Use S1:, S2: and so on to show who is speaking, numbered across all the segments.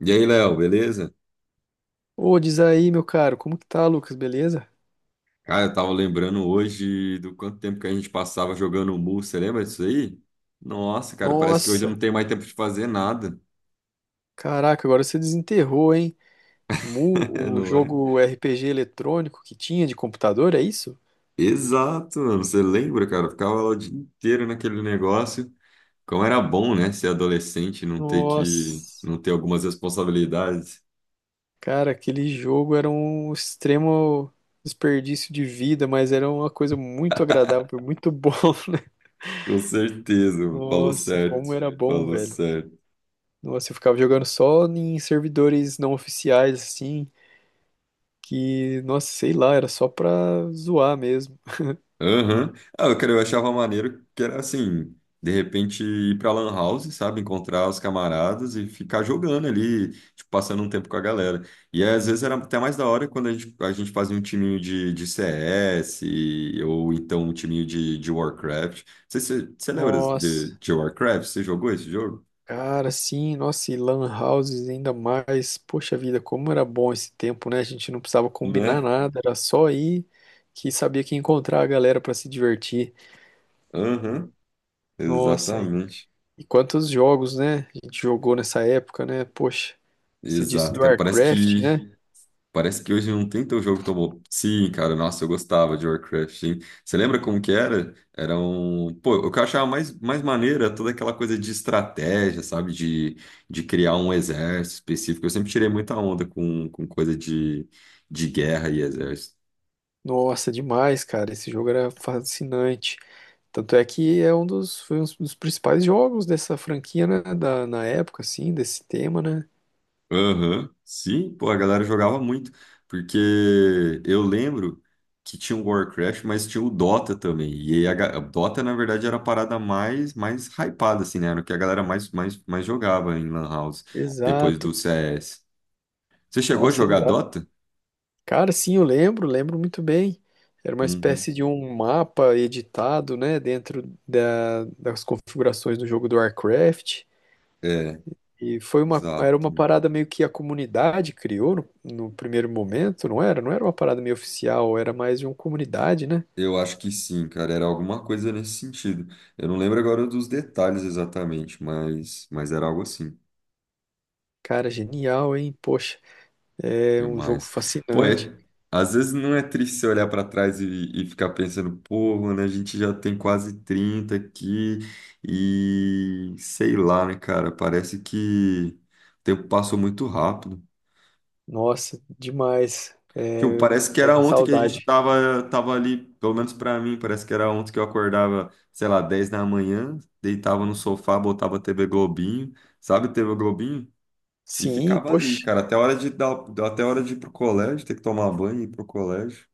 S1: E aí, Léo, beleza?
S2: Ô, diz aí, meu caro, como que tá, Lucas? Beleza?
S1: Cara, eu tava lembrando hoje do quanto tempo que a gente passava jogando Mu, você lembra disso aí? Nossa, cara, parece que hoje eu
S2: Nossa,
S1: não
S2: caraca.
S1: tenho mais tempo de fazer nada.
S2: Agora você desenterrou, hein?
S1: É,
S2: O
S1: não é?
S2: jogo RPG eletrônico que tinha de computador, é isso?
S1: Exato, mano, você lembra, cara? Eu ficava lá o dia inteiro naquele negócio. Como era bom, né, ser adolescente, e
S2: Nossa,
S1: não ter algumas responsabilidades.
S2: cara, aquele jogo era um extremo desperdício de vida, mas era uma coisa muito agradável, muito bom, né?
S1: Com certeza, mano, falou
S2: Nossa,
S1: certo,
S2: como era bom,
S1: falou
S2: velho.
S1: certo.
S2: Nossa, eu ficava jogando só em servidores não oficiais, assim, que, nossa, sei lá, era só pra zoar mesmo.
S1: Aham. Ah, eu, cara, eu achava maneiro que era assim, de repente ir pra Lan House, sabe? Encontrar os camaradas e ficar jogando ali, tipo, passando um tempo com a galera. E às vezes era até mais da hora a gente fazia um timinho de CS ou então um timinho de Warcraft. Você lembra de,
S2: Nossa.
S1: de Warcraft? Você jogou esse jogo?
S2: Cara, sim, nossa, e lan houses ainda mais. Poxa vida, como era bom esse tempo, né? A gente não precisava combinar
S1: Né?
S2: nada, era só ir que sabia que ia encontrar a galera pra se divertir.
S1: Aham,
S2: Nossa, e,
S1: exatamente.
S2: quantos jogos, né? A gente jogou nessa época, né? Poxa, você disse
S1: Exato,
S2: do
S1: cara. Parece
S2: Warcraft,
S1: que
S2: né?
S1: Parece que hoje não tem teu jogo tão bom. Sim, cara, nossa, eu gostava de Warcraft, sim. Você lembra como que era? Era um... Pô, o que eu achava mais maneiro era toda aquela coisa de estratégia, sabe? De criar um exército específico. Eu sempre tirei muita onda com coisa de guerra e exército.
S2: Nossa, demais, cara, esse jogo era fascinante. Tanto é que é um dos, foi um dos principais jogos dessa franquia, né? Na época, assim, desse tema, né?
S1: Aham. Sim, pô, a galera jogava muito, porque eu lembro que tinha o Warcraft, mas tinha o Dota também, e aí a Dota, na verdade, era a parada mais hypada, assim, né, era o que a galera mais jogava em Lan House, depois do
S2: Exato.
S1: CS. Você chegou a
S2: Nossa,
S1: jogar
S2: exato.
S1: Dota?
S2: Cara, sim, eu lembro muito bem. Era uma
S1: Uhum.
S2: espécie de um mapa editado, né, dentro das configurações do jogo do Warcraft.
S1: É,
S2: E era
S1: exato.
S2: uma parada meio que a comunidade criou no primeiro momento, não era? Não era uma parada meio oficial, era mais de uma comunidade, né?
S1: Eu acho que sim, cara, era alguma coisa nesse sentido. Eu não lembro agora dos detalhes exatamente, mas era algo assim.
S2: Cara, genial, hein? Poxa, é um jogo
S1: Demais. Pô,
S2: fascinante.
S1: é- Às vezes não é triste você olhar para trás e ficar pensando, pô, mano, a gente já tem quase 30 aqui e sei lá, né, cara? Parece que o tempo passou muito rápido.
S2: Nossa, demais.
S1: Tipo,
S2: É,
S1: parece que
S2: é
S1: era
S2: uma
S1: ontem que a gente
S2: saudade.
S1: tava, tava ali, pelo menos para mim, parece que era ontem que eu acordava, sei lá, 10 da manhã, deitava no sofá, botava TV Globinho, sabe, TV Globinho? E
S2: Sim,
S1: ficava ali,
S2: poxa.
S1: cara, até a hora de ir pro colégio, ter que tomar banho e ir pro colégio.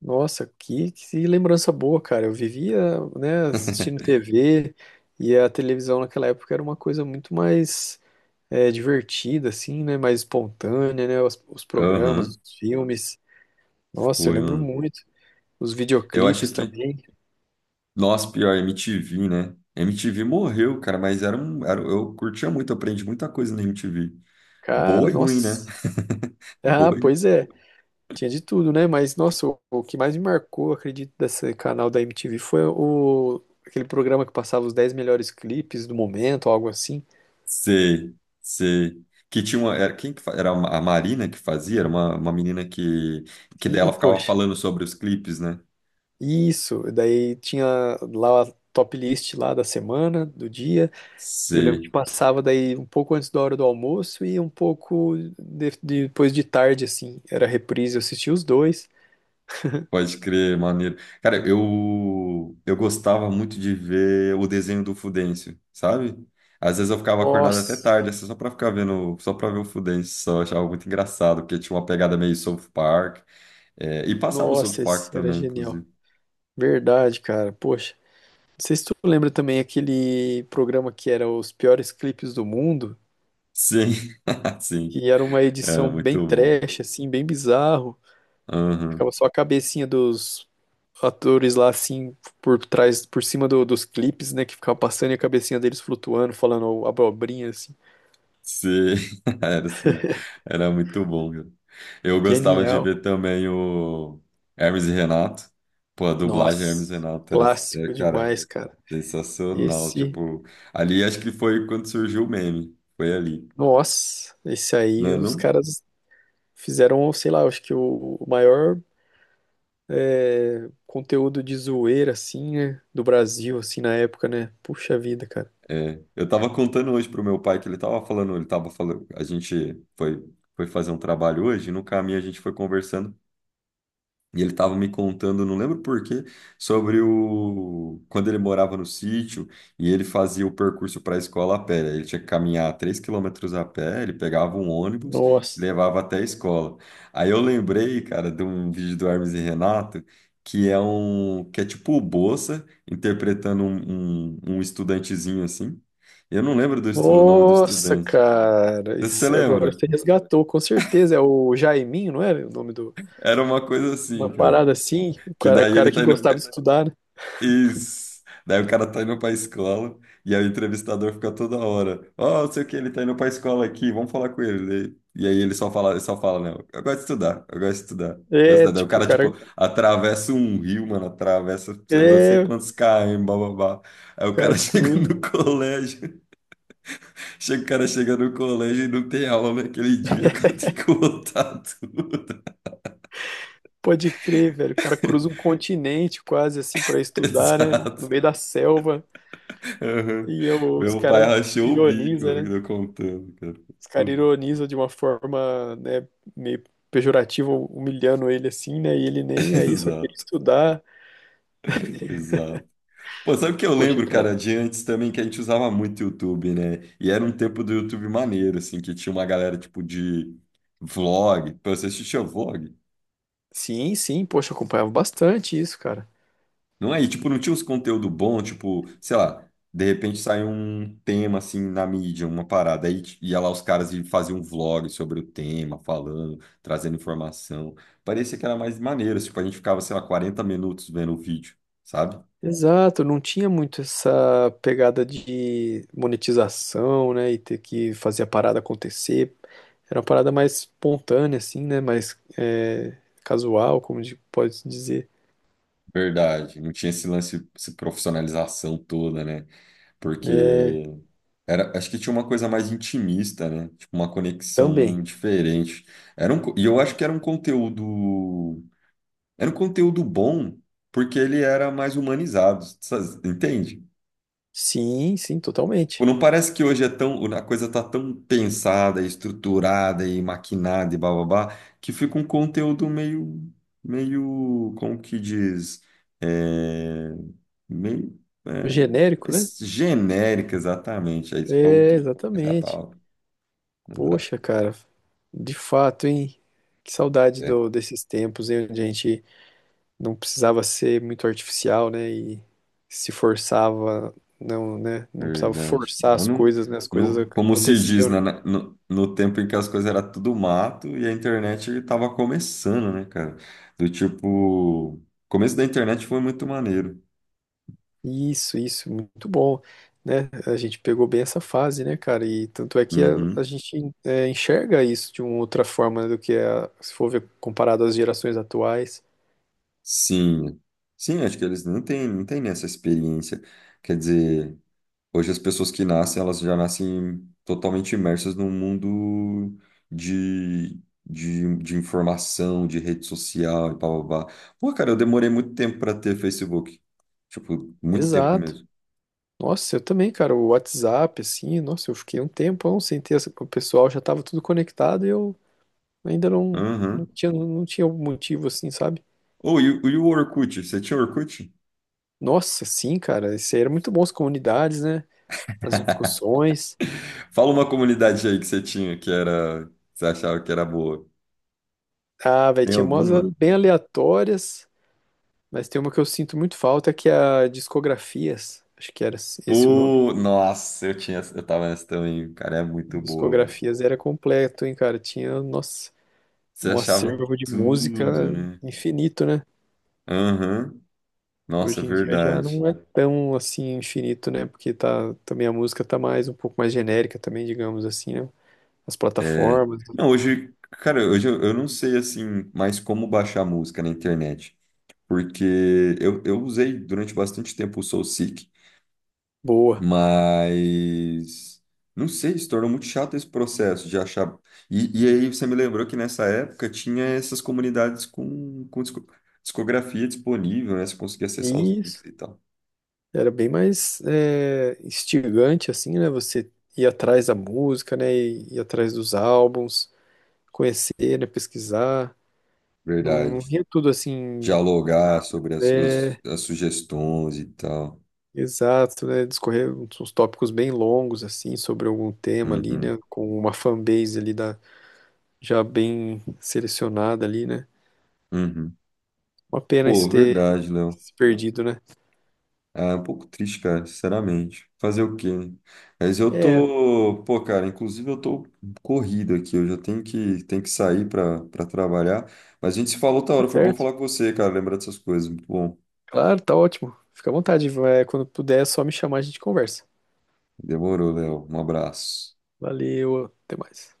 S2: Nossa, que lembrança boa, cara. Eu vivia, né, assistindo TV, e a televisão naquela época era uma coisa muito mais divertida, assim, né, mais espontânea, né, os programas,
S1: Aham,
S2: os filmes. Nossa, eu
S1: foi,
S2: lembro
S1: mano.
S2: muito. Os
S1: Eu acho
S2: videoclipes
S1: que.
S2: também.
S1: Nossa, pior, MTV, né? MTV morreu, cara, mas era um. Era, eu curtia muito, aprendi muita coisa na MTV. Boa
S2: Cara,
S1: e ruim, né?
S2: nossa. Ah,
S1: Boa
S2: pois
S1: e.
S2: é. Tinha de tudo, né? Mas, nossa, o que mais me marcou, acredito, desse canal da MTV foi aquele programa que passava os 10 melhores clipes do momento, algo assim.
S1: Sei, sei. Que tinha uma. Era, era a Marina que fazia? Era uma menina que. Que
S2: E,
S1: dela ficava
S2: poxa.
S1: falando sobre os clipes, né?
S2: Isso, daí tinha lá a top list lá da semana, do dia. E eu lembro que
S1: Sei.
S2: passava daí um pouco antes da hora do almoço e um pouco depois de tarde, assim. Era reprise, eu assistia os dois.
S1: Pode crer, maneiro. Cara, eu gostava muito de ver o desenho do Fudêncio, sabe? Às vezes eu ficava acordado até tarde,
S2: Nossa,
S1: assim, só pra ficar vendo, só pra ver o Fudêncio, só eu achava muito engraçado, porque tinha uma pegada meio South Park, é, e passava o South
S2: nossa,
S1: Park
S2: esse era
S1: também,
S2: genial.
S1: inclusive.
S2: Verdade, cara. Poxa, não sei se tu lembra também aquele programa que era os piores clipes do mundo,
S1: Sim, sim,
S2: que era uma
S1: era
S2: edição
S1: muito
S2: bem
S1: bom.
S2: trash, assim, bem bizarro. Ficava
S1: Aham.
S2: só a cabecinha dos atores lá, assim, por trás, por cima dos clipes, né? Que ficava passando e a cabecinha deles flutuando, falando abobrinha, assim.
S1: Sim, era sim, era muito bom, cara. Eu gostava de
S2: Genial.
S1: ver também o Hermes e Renato. Pô, a dublagem Hermes
S2: Nossa,
S1: e Renato era, é,
S2: clássico
S1: cara,
S2: demais, cara.
S1: sensacional,
S2: Esse,
S1: tipo, ali acho que foi quando surgiu o meme, foi ali,
S2: Nossa, esse
S1: não
S2: aí
S1: é
S2: os
S1: não?
S2: caras fizeram, sei lá, acho que o maior conteúdo de zoeira, assim, né? Do Brasil, assim, na época, né? Puxa vida, cara.
S1: É, eu tava contando hoje pro meu pai que ele tava falando, a gente foi fazer um trabalho hoje, e no caminho a gente foi conversando, e ele estava me contando, não lembro por quê, sobre o quando ele morava no sítio e ele fazia o percurso para a escola a pé. Ele tinha que caminhar 3 quilômetros a pé, ele pegava um ônibus que
S2: Nossa.
S1: levava até a escola. Aí eu lembrei, cara, de um vídeo do Hermes e Renato, que é um que é tipo o Bossa interpretando um estudantezinho assim. Eu não lembro do o nome do
S2: Nossa,
S1: estudante.
S2: cara,
S1: Você
S2: isso agora
S1: lembra?
S2: você resgatou, com certeza. É o Jaiminho, não era o nome do.
S1: Era uma coisa
S2: Uma
S1: assim, cara.
S2: parada assim, o
S1: Que
S2: cara, o
S1: daí ele
S2: cara que
S1: tá indo.
S2: gostava de estudar, né?
S1: Isso. Daí o cara tá indo pra escola e aí o entrevistador fica toda hora. Ó, não sei o que, ele tá indo pra escola aqui, vamos falar com ele. E aí ele só fala, não, eu gosto de estudar, eu gosto de estudar. Eu gosto de
S2: É,
S1: estudar." Daí o
S2: tipo, o
S1: cara,
S2: cara.
S1: tipo, atravessa um rio, mano, atravessa, anda sei
S2: É,
S1: quantos
S2: o
S1: km, bababá. Aí o
S2: cara
S1: cara chega
S2: cruza.
S1: no colégio, o cara chega no colégio e não tem aula naquele dia, o cara tem que voltar tudo.
S2: Pode crer, velho. O cara cruza um continente quase assim pra estudar, né? No meio
S1: Exato.
S2: da selva.
S1: Aham.
S2: Os
S1: Meu pai
S2: caras
S1: rachou o bico,
S2: ironizam, né?
S1: eu contando, cara.
S2: Os caras
S1: Tudo.
S2: ironizam de uma forma, né, meio pejorativa, humilhando ele assim, né? E ele nem aí, só queria
S1: Exato,
S2: estudar.
S1: exato. Pô, sabe o que eu
S2: Poxa,
S1: lembro, cara,
S2: cara.
S1: de antes também que a gente usava muito YouTube, né? E era um tempo do YouTube maneiro, assim, que tinha uma galera tipo de vlog. Pô, você assistia vlog?
S2: Sim, sim, poxa, eu acompanhava bastante isso, cara.
S1: Não é? E, tipo, não tinha uns conteúdo bom, tipo, sei lá, de repente sai um tema, assim, na mídia, uma parada, ia lá os caras e faziam um vlog sobre o tema, falando, trazendo informação. Parecia que era mais maneiro, tipo, a gente ficava, sei lá, 40 minutos vendo o vídeo, sabe?
S2: Exato, não tinha muito essa pegada de monetização, né, e ter que fazer a parada acontecer. Era uma parada mais espontânea, assim, né, mais casual, como pode-se dizer.
S1: Verdade, não tinha esse lance, essa profissionalização toda, né? Porque
S2: É,
S1: era, acho que tinha uma coisa mais intimista, né? Tipo, uma
S2: também.
S1: conexão diferente. E eu acho que era um conteúdo bom porque ele era mais humanizado, sabe? Entende?
S2: Sim, sim,
S1: Tipo,
S2: totalmente.
S1: não parece que hoje é tão, a coisa tá tão pensada, estruturada e maquinada e bababá, que fica um conteúdo meio, como que diz, é, meio,
S2: O
S1: é,
S2: genérico, né?
S1: genérico, exatamente. Aí você falou
S2: É,
S1: tudo, essa é a
S2: exatamente.
S1: palavra.
S2: Poxa,
S1: Exato.
S2: cara, de fato, hein? Que saudade
S1: É.
S2: desses tempos, hein, onde a gente não precisava ser muito artificial, né? E se forçava, não, né? Não precisava
S1: Verdade.
S2: forçar
S1: Lá
S2: as
S1: no,
S2: coisas, né? As coisas
S1: no, como se diz,
S2: aconteciam,
S1: né,
S2: né?
S1: no tempo em que as coisas eram tudo mato e a internet estava começando, né, cara? Do tipo, o começo da internet foi muito maneiro.
S2: Isso, muito bom, né? A gente pegou bem essa fase, né, cara? E tanto é que a
S1: Uhum.
S2: gente enxerga isso de uma outra forma, né, do que se for ver comparado às gerações atuais.
S1: Sim. Sim, acho que eles não têm essa experiência. Quer dizer. Hoje as pessoas que nascem, elas já nascem totalmente imersas num mundo de, de informação, de rede social e blá blá blá. Pô, cara, eu demorei muito tempo para ter Facebook. Tipo, muito tempo
S2: Exato.
S1: mesmo.
S2: Nossa, eu também, cara, o WhatsApp, assim, nossa, eu fiquei um tempão sem ter essa, o pessoal já tava tudo conectado e eu ainda não, não
S1: Aham.
S2: tinha, não tinha um motivo, assim, sabe?
S1: Ô, e o Orkut? Você tinha Orkut?
S2: Nossa, sim, cara. Isso aí era muito bom, as comunidades, né? As discussões.
S1: Fala uma comunidade aí que você tinha que era, que você achava que era boa.
S2: Ah, velho,
S1: Tem
S2: tinha umas
S1: alguma?
S2: bem aleatórias, mas tem uma que eu sinto muito falta, que é a Discografias. Acho que era esse o nome.
S1: Pô, nossa, eu tava nessa também. Cara, é muito boa, né?
S2: Discografias era completo, hein, cara? Tinha, nossa,
S1: Você
S2: um
S1: achava
S2: acervo de
S1: tudo,
S2: música
S1: né?
S2: infinito, né?
S1: Aham. Nossa,
S2: Hoje em dia já
S1: verdade.
S2: não é tão assim infinito, né? Porque tá, também a música tá mais um pouco mais genérica também, digamos assim, né? As
S1: É.
S2: plataformas.
S1: Não, hoje, cara, hoje eu não sei assim mais como baixar música na internet, porque eu usei durante bastante tempo o SoulSeek,
S2: Boa.
S1: mas não sei, se tornou muito chato esse processo de achar. E aí você me lembrou que nessa época tinha essas comunidades com discografia disponível, né? Você conseguia acessar os links
S2: Isso.
S1: e tal.
S2: Era bem mais instigante, assim, né? Você ir atrás da música, né? E ir atrás dos álbuns, conhecer, né? Pesquisar. Não, não
S1: Verdade.
S2: via tudo assim,
S1: Dialogar sobre as,
S2: é,
S1: as sugestões e tal.
S2: exato, né? Discorrer uns tópicos bem longos, assim, sobre algum tema ali,
S1: Uhum,
S2: né? Com uma fanbase ali já bem selecionada ali, né?
S1: uhum.
S2: Uma pena
S1: Pô,
S2: isso ter
S1: verdade, Léo.
S2: se perdido, né?
S1: Ah, é um pouco triste, cara, sinceramente. Fazer o quê, né? Mas eu
S2: É,
S1: tô, pô, cara, inclusive eu tô corrido aqui, eu já tenho que sair pra trabalhar. Mas a gente se falou outra
S2: tá
S1: hora, foi bom
S2: certo.
S1: falar com você, cara, lembrar dessas coisas. Muito bom.
S2: Claro, tá ótimo. Fica à vontade. Vai, quando puder, é só me chamar, a gente conversa.
S1: Demorou, Léo. Um abraço.
S2: Valeu, até mais.